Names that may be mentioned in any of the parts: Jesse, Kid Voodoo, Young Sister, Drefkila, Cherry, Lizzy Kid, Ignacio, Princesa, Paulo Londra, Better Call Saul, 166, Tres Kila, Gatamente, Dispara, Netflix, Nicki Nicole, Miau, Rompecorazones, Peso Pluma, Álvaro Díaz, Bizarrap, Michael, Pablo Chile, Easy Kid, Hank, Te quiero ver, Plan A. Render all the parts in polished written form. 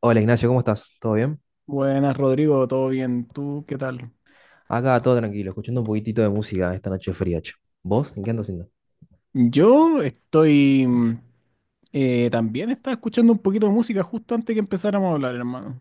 Hola Ignacio, ¿cómo estás? ¿Todo bien? Buenas, Rodrigo, ¿todo bien? ¿Tú qué tal? Acá todo tranquilo, escuchando un poquitito de música esta noche fría, che. ¿Vos? ¿En qué andas haciendo? Yo estoy... también estaba escuchando un poquito de música justo antes que empezáramos a hablar, hermano.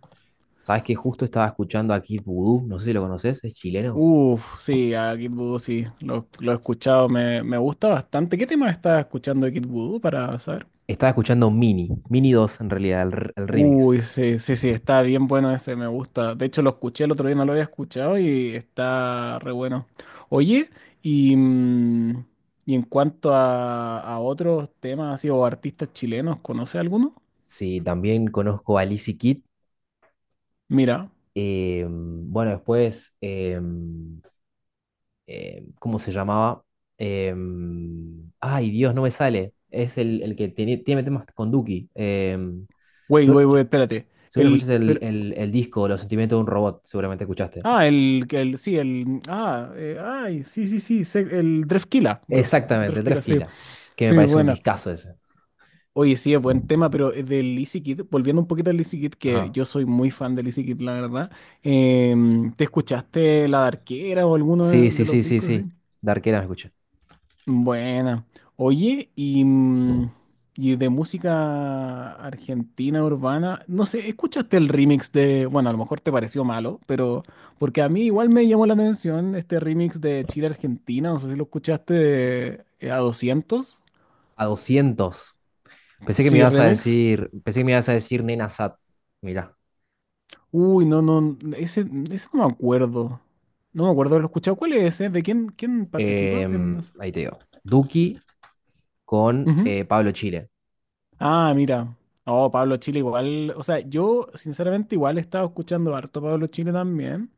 Sabés que justo estaba escuchando aquí Voodoo, no sé si lo conoces, es chileno. Uf, sí, a Kid Voodoo sí, lo he escuchado, me gusta bastante. ¿Qué tema estás escuchando de Kid Voodoo para saber? Estaba escuchando Mini dos en realidad, el remix. Uy, sí, sí, sí, está bien bueno ese, me gusta. De hecho, lo escuché el otro día, no lo había escuchado y está re bueno. Oye, y, mm, y en cuanto a otros temas así o artistas chilenos, ¿conoce alguno? Sí, también conozco a Lizzy Kid. Mira, Bueno, después, ¿cómo se llamaba? Eh, Ay, Dios, no me sale. Es el que tiene temas con Duki. Wait, wait, wait, espérate. Seguro El, escuchaste el, pero, el, el disco Los sentimientos de un robot, seguramente escuchaste. ah, el, que el, sí, sí, sí, sí, el Drefkila, bro. Exactamente, Tres Drefkila, sí, Kila, que me sí, parece un buena. discazo ese. Oye, sí, es buen tema, pero del Easy Kid, volviendo un poquito al Easy Kid, que Ajá. yo soy muy fan del Easy Kid, la verdad. ¿Te escuchaste La Darquera o alguno Sí, de, sí, de los sí, sí, discos, sí? sí. De arquera me escuché. Buena. Oye, y de música argentina urbana, no sé, ¿escuchaste el remix de, bueno, a lo mejor te pareció malo, pero porque a mí igual me llamó la atención este remix de Chile Argentina, no sé si lo escuchaste de, a 200 A doscientos. Pensé que me sí, ibas a remix. decir, pensé que me ibas a decir Nena Sat. Mirá. Uy, no, no, ese no me acuerdo. No me acuerdo, lo he escuchado. ¿Cuál es ese? ¿De quién participa en Ahí te digo. Duki con eso? Pablo Chile. Ah, mira. Oh, Pablo Chile igual. O sea, yo sinceramente igual he estado escuchando harto Pablo Chile también.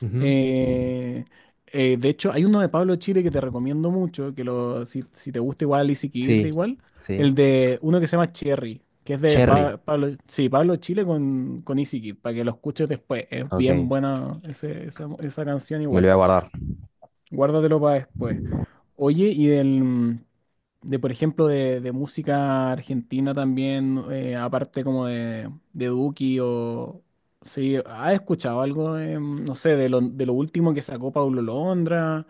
Ujú. Eh, de hecho, hay uno de Pablo Chile que te recomiendo mucho, que si te gusta igual y si quieres Sí, igual, sí. el de uno que se llama Cherry, que es de Cherry. Pablo, sí, Pablo Chile con Easy Kid, para que lo escuches después. Es Ok, bien me buena esa canción lo igual. voy a guardar. Guárdatelo para después. Oye, de por ejemplo, de música argentina también, aparte como de Duki o... Sí, ¿has escuchado algo, no sé, de lo último que sacó Paulo Londra?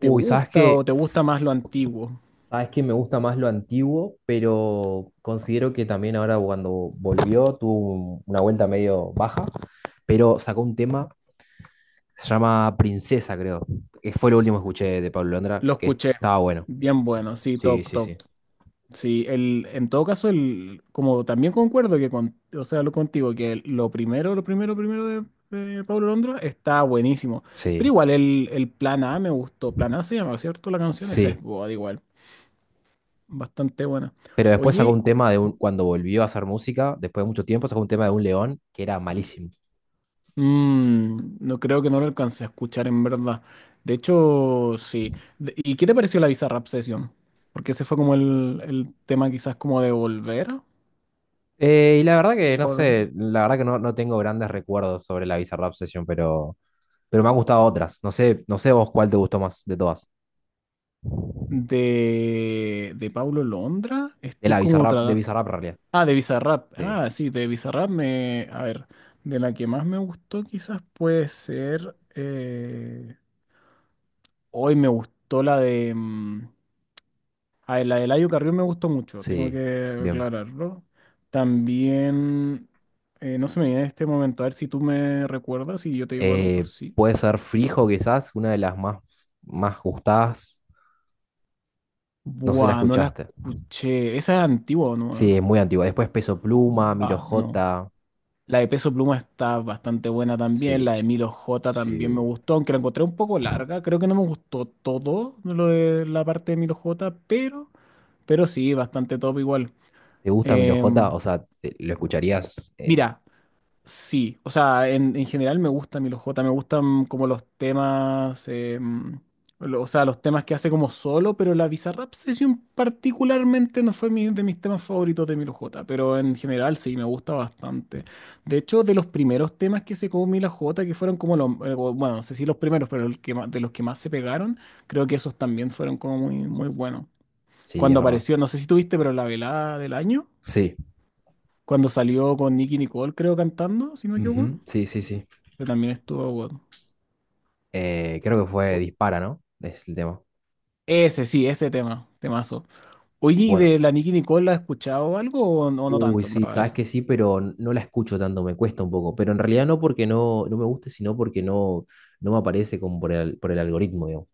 ¿Te ¿sabes gusta qué? o te gusta más lo antiguo? Sabes que me gusta más lo antiguo, pero considero que también ahora cuando volvió tuvo una vuelta medio baja, pero sacó un tema, se llama Princesa, creo. Que fue lo último que escuché de Pablo Londra, Lo que escuché. estaba bueno. Bien bueno, sí, Sí, top, sí, top. sí. Sí, en todo caso, como también concuerdo o sea, lo contigo, lo primero de Pablo Londra está buenísimo. Pero Sí, igual el plan A me gustó. Plan A se llama, ¿cierto? La canción esa es sí. God, igual. Bastante buena. Pero después sacó Oye, un tema de un, cuando volvió a hacer música, después de mucho tiempo, sacó un tema de un león que era malísimo. No creo que no lo alcance a escuchar en verdad. De hecho, sí. ¿Y qué te pareció la Bizarrap Session? Porque ese fue como el tema quizás como de volver. Y la verdad que no Pablo Londra. sé, la verdad que no, no tengo grandes recuerdos sobre la Bizarrap Session, pero me han gustado otras. No sé, no sé vos cuál te gustó más de todas. De Paulo Londra, De la Bizarrap, de Bizarrap en realidad. Ah, de Bizarrap. Sí, Ah, sí, de Bizarrap a ver, de la que más me gustó quizás puede ser, hoy me gustó la de, ah, la de Layo Carrión me gustó mucho, tengo sí, que bien. aclararlo. También, no se me viene en este momento, a ver si tú me recuerdas y yo te digo a lo mejor sí. Puede ser Frijo, quizás, una de las más, más gustadas. No sé si la Buah, no la escuchaste. escuché. Esa es antigua, ¿o Sí, no? es muy antigua. Después Peso Pluma, Milo Va, no. J. La de Peso Pluma está bastante buena también. La Sí. de Milo J Sí. también me gustó, aunque la encontré un poco larga. Creo que no me gustó todo lo de la parte de Milo J, pero sí, bastante top igual. ¿Te gusta Milo J? Em, O sea, ¿lo escucharías? Mira, sí, o sea, en general me gusta Milo J, me gustan como los temas, o sea, los temas que hace como solo, pero la Bizarrap Session particularmente no fue de mis temas favoritos de Milo J, pero en general sí, me gusta bastante. De hecho, de los primeros temas que sacó Milo J, que fueron como bueno, no sé si los primeros, pero el que de los que más se pegaron, creo que esos también fueron como muy, muy buenos. Sí, es Cuando verdad. apareció, no sé si tuviste, pero la velada del año, Sí. cuando salió con Nicki Nicole, creo, cantando, si no me equivoco Ujú. Sí, sí, sí. que también estuvo bueno. Creo que fue O- Dispara, ¿no? Es el tema. Ese sí, ese tema, temazo. Oye, ¿y Bueno, de la Nicki Nicole has escuchado algo o no, no uy, tanto, en sí, verdad, sabes eso? que sí, pero no la escucho tanto, me cuesta un poco. Pero en realidad no porque no, no me guste, sino porque no no me aparece como por por el algoritmo, digamos.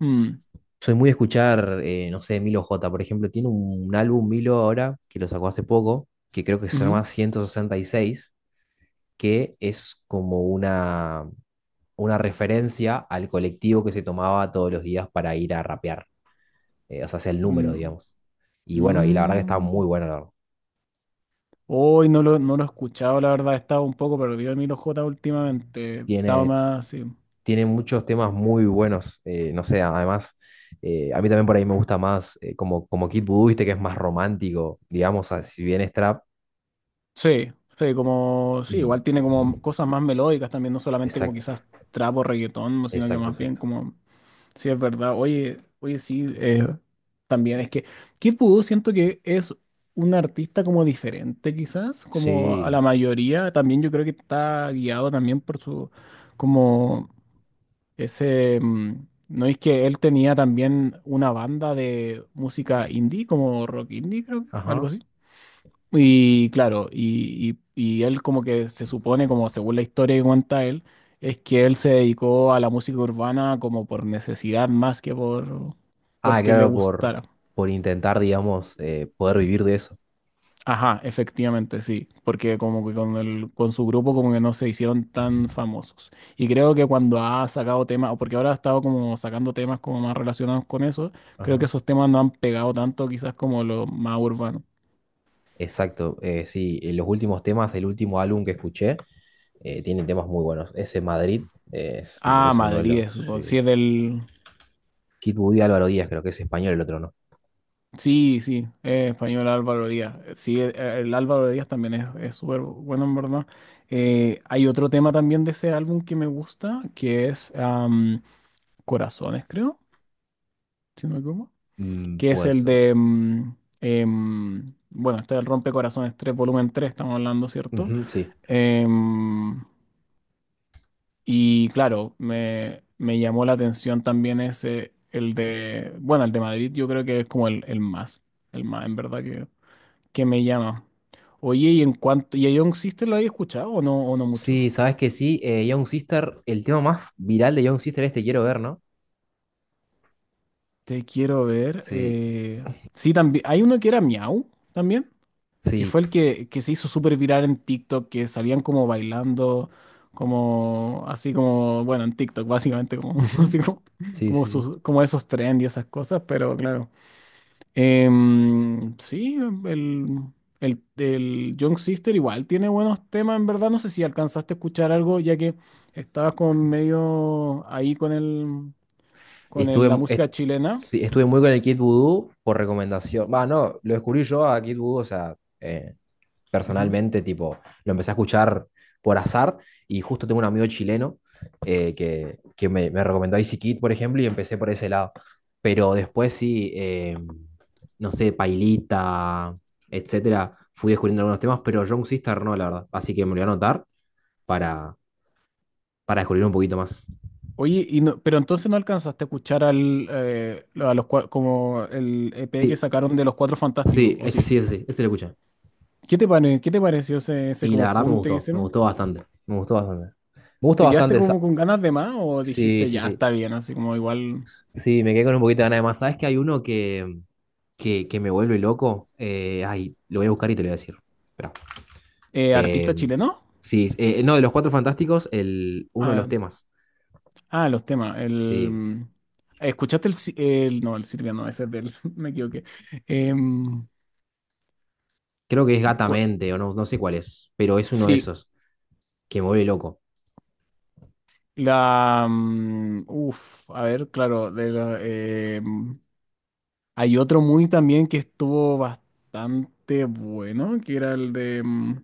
Mm, Soy muy de escuchar, no sé, Milo J, por ejemplo, tiene un álbum Milo ahora, que lo sacó hace poco, que creo que se llama ujú, 166, que es como una referencia al colectivo que se tomaba todos los días para ir a rapear. O sea, es el número, mm, digamos. Y bueno, y la verdad que está muy mm. bueno, la verdad. Hoy no lo he escuchado, la verdad, estaba un poco perdido en Milo J últimamente. Estaba Tiene, más, sí. tiene muchos temas muy buenos. No sé, además, a mí también por ahí me gusta más como Kid Voodoo, viste, que es más romántico, digamos, si bien es trap. Sí, sí, como, sí, mm, igual tiene como cosas más melódicas también, no solamente como Exacto, quizás trap o reggaetón, sino que exacto, más bien exacto. como... Sí, es verdad. Oye, oye, sí, también es que Kid Voodoo siento que es un artista como diferente quizás, como a la Sí, mayoría. También yo creo que está guiado también por su, como ese, no es que él tenía también una banda de música indie, como rock indie creo que, algo ajá. así. Y claro, y él como que se supone, como según la historia que cuenta él, es que él se dedicó a la música urbana como por necesidad más que Ah, porque le claro, gustara. por intentar, digamos, poder vivir de eso. Ajá, efectivamente, sí, porque como que con el, con su grupo como que no se hicieron tan famosos. Y creo que cuando ha sacado temas, o porque ahora ha estado como sacando temas como más relacionados con eso, creo que Ajá. esos temas no han pegado tanto quizás como los más urbanos. Exacto, sí, en los últimos temas, el último álbum que escuché, tiene temas muy buenos. Ese Madrid, me Ah, parece uno de Madrid, los... es, sí sí. es del... Kid Voodoo y Álvaro Díaz, creo que es español el otro, ¿no? Sí, sí, es español Álvaro Díaz. Sí, el Álvaro Díaz también es súper bueno, en verdad. Hay otro tema también de ese álbum que me gusta, que es Corazones, creo, si no me equivoco, Mm, que es puede el ser. de, bueno, este es el Rompecorazones 3 volumen 3, estamos hablando, ¿cierto? Ujú, sí. Em, y claro, me llamó la atención también bueno, el de Madrid, yo creo que es como el más, en verdad que me llama. Oye, y en cuanto, ¿y a Young Sister lo habéis escuchado o no mucho? Sí, sabes que sí, Young Sister, el tema más viral de Young Sister es Te quiero ver, ¿no? Te quiero ver. Sí, Sí, también. Hay uno que era Miau también, que sí. fue el que se hizo súper viral en TikTok, que salían como bailando, como así como, bueno, en TikTok, básicamente, como, Ujú. así como, Sí, como, sí, sí. Como esos trends y esas cosas, pero claro. Sí, el, el Young Sister igual tiene buenos temas, en verdad. No sé si alcanzaste a escuchar algo, ya que estabas con medio ahí con Estuve, la mu- est- música chilena. sí, estuve muy con el Kid Voodoo por recomendación. Va, no, lo descubrí yo a Kid Voodoo, o sea, Ujú. personalmente, tipo, lo empecé a escuchar por azar y justo tengo un amigo chileno que me recomendó Easy Kid, por ejemplo, y empecé por ese lado. Pero después sí, no sé, Pailita, etcétera, fui descubriendo algunos temas, pero Young Sister no, la verdad. Así que me lo voy a anotar para, para descubrir un poquito más. Oye, y no, pero entonces no alcanzaste a escuchar al, a los, como el EP que Sí, sacaron de Los Cuatro Fantásticos, sí, ¿o ese sí? sí, ese sí, ese lo escuché. ¿Qué te qué te pareció ese, ese Y como la verdad junte que me hicieron? gustó bastante, me gustó bastante. Me gustó ¿Te quedaste bastante esa. como con ganas de más o Sí, dijiste sí, ya sí. está bien, así como igual Sí, me quedé con un poquito de ganas de más. ¿Sabes que hay uno que, que me vuelve loco? Ay, lo voy a buscar y te lo voy a decir. Esperá. Eh, artista chileno? sí, no, de los Cuatro Fantásticos, el, uno de los temas. Ah, los temas. Sí, El... ¿Escuchaste el, no, el Silvia no, ese es del... Me equivoqué. Em, creo que es cua- Gatamente o no, no sé cuál es, pero es uno de sí, esos que me vuelve loco. la... uf, a ver, claro, de la... hay otro muy también que estuvo bastante bueno, que era el de... mm.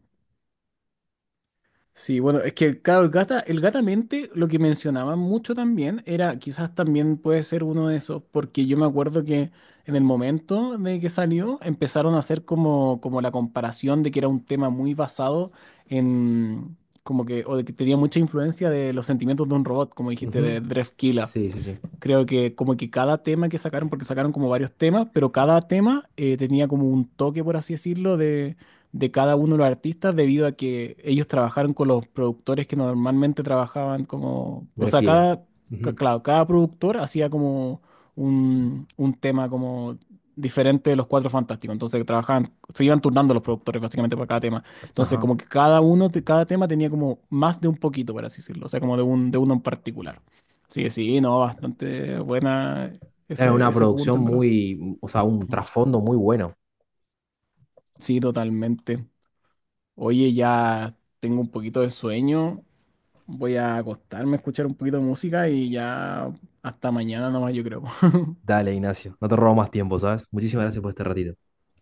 Sí, bueno, es que claro, el gata, el gatamente lo que mencionaban mucho también era, quizás también puede ser uno de esos, porque yo me acuerdo que en el momento de que salió empezaron a hacer como, como la comparación de que era un tema muy basado en, como que, o de que tenía mucha influencia de los sentimientos de un robot, como dijiste, de Ujú. Drefkila. Sí, sí, sí. Creo que como que cada tema que sacaron, porque sacaron como varios temas, pero cada tema tenía como un toque, por así decirlo, de cada uno de los artistas, debido a que ellos trabajaron con los productores que normalmente trabajaban como, o sea, Drefkila. cada, Ujú. claro, cada productor hacía como un tema como diferente de los Cuatro Fantásticos. Entonces trabajaban, se iban turnando los productores básicamente para cada tema. Entonces Ajá. como que cada uno, de cada tema tenía como más de un poquito, por así decirlo, o sea, como de un, de uno en particular. Sí, sí, no, bastante buena Era ese, una ese junte, producción en verdad. muy, o sea, un Ujú. trasfondo muy bueno. Sí, totalmente. Oye, ya tengo un poquito de sueño. Voy a acostarme a escuchar un poquito de música y ya hasta mañana nomás, yo creo. Dale, Ignacio, no te robo más tiempo, ¿sabes? Muchísimas gracias por este ratito.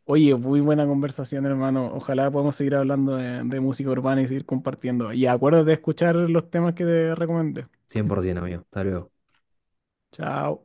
Oye, muy buena conversación, hermano. Ojalá podamos seguir hablando de música urbana y seguir compartiendo. Y acuérdate de escuchar los temas que te recomendé. 100%, amigo. Hasta luego. Chao.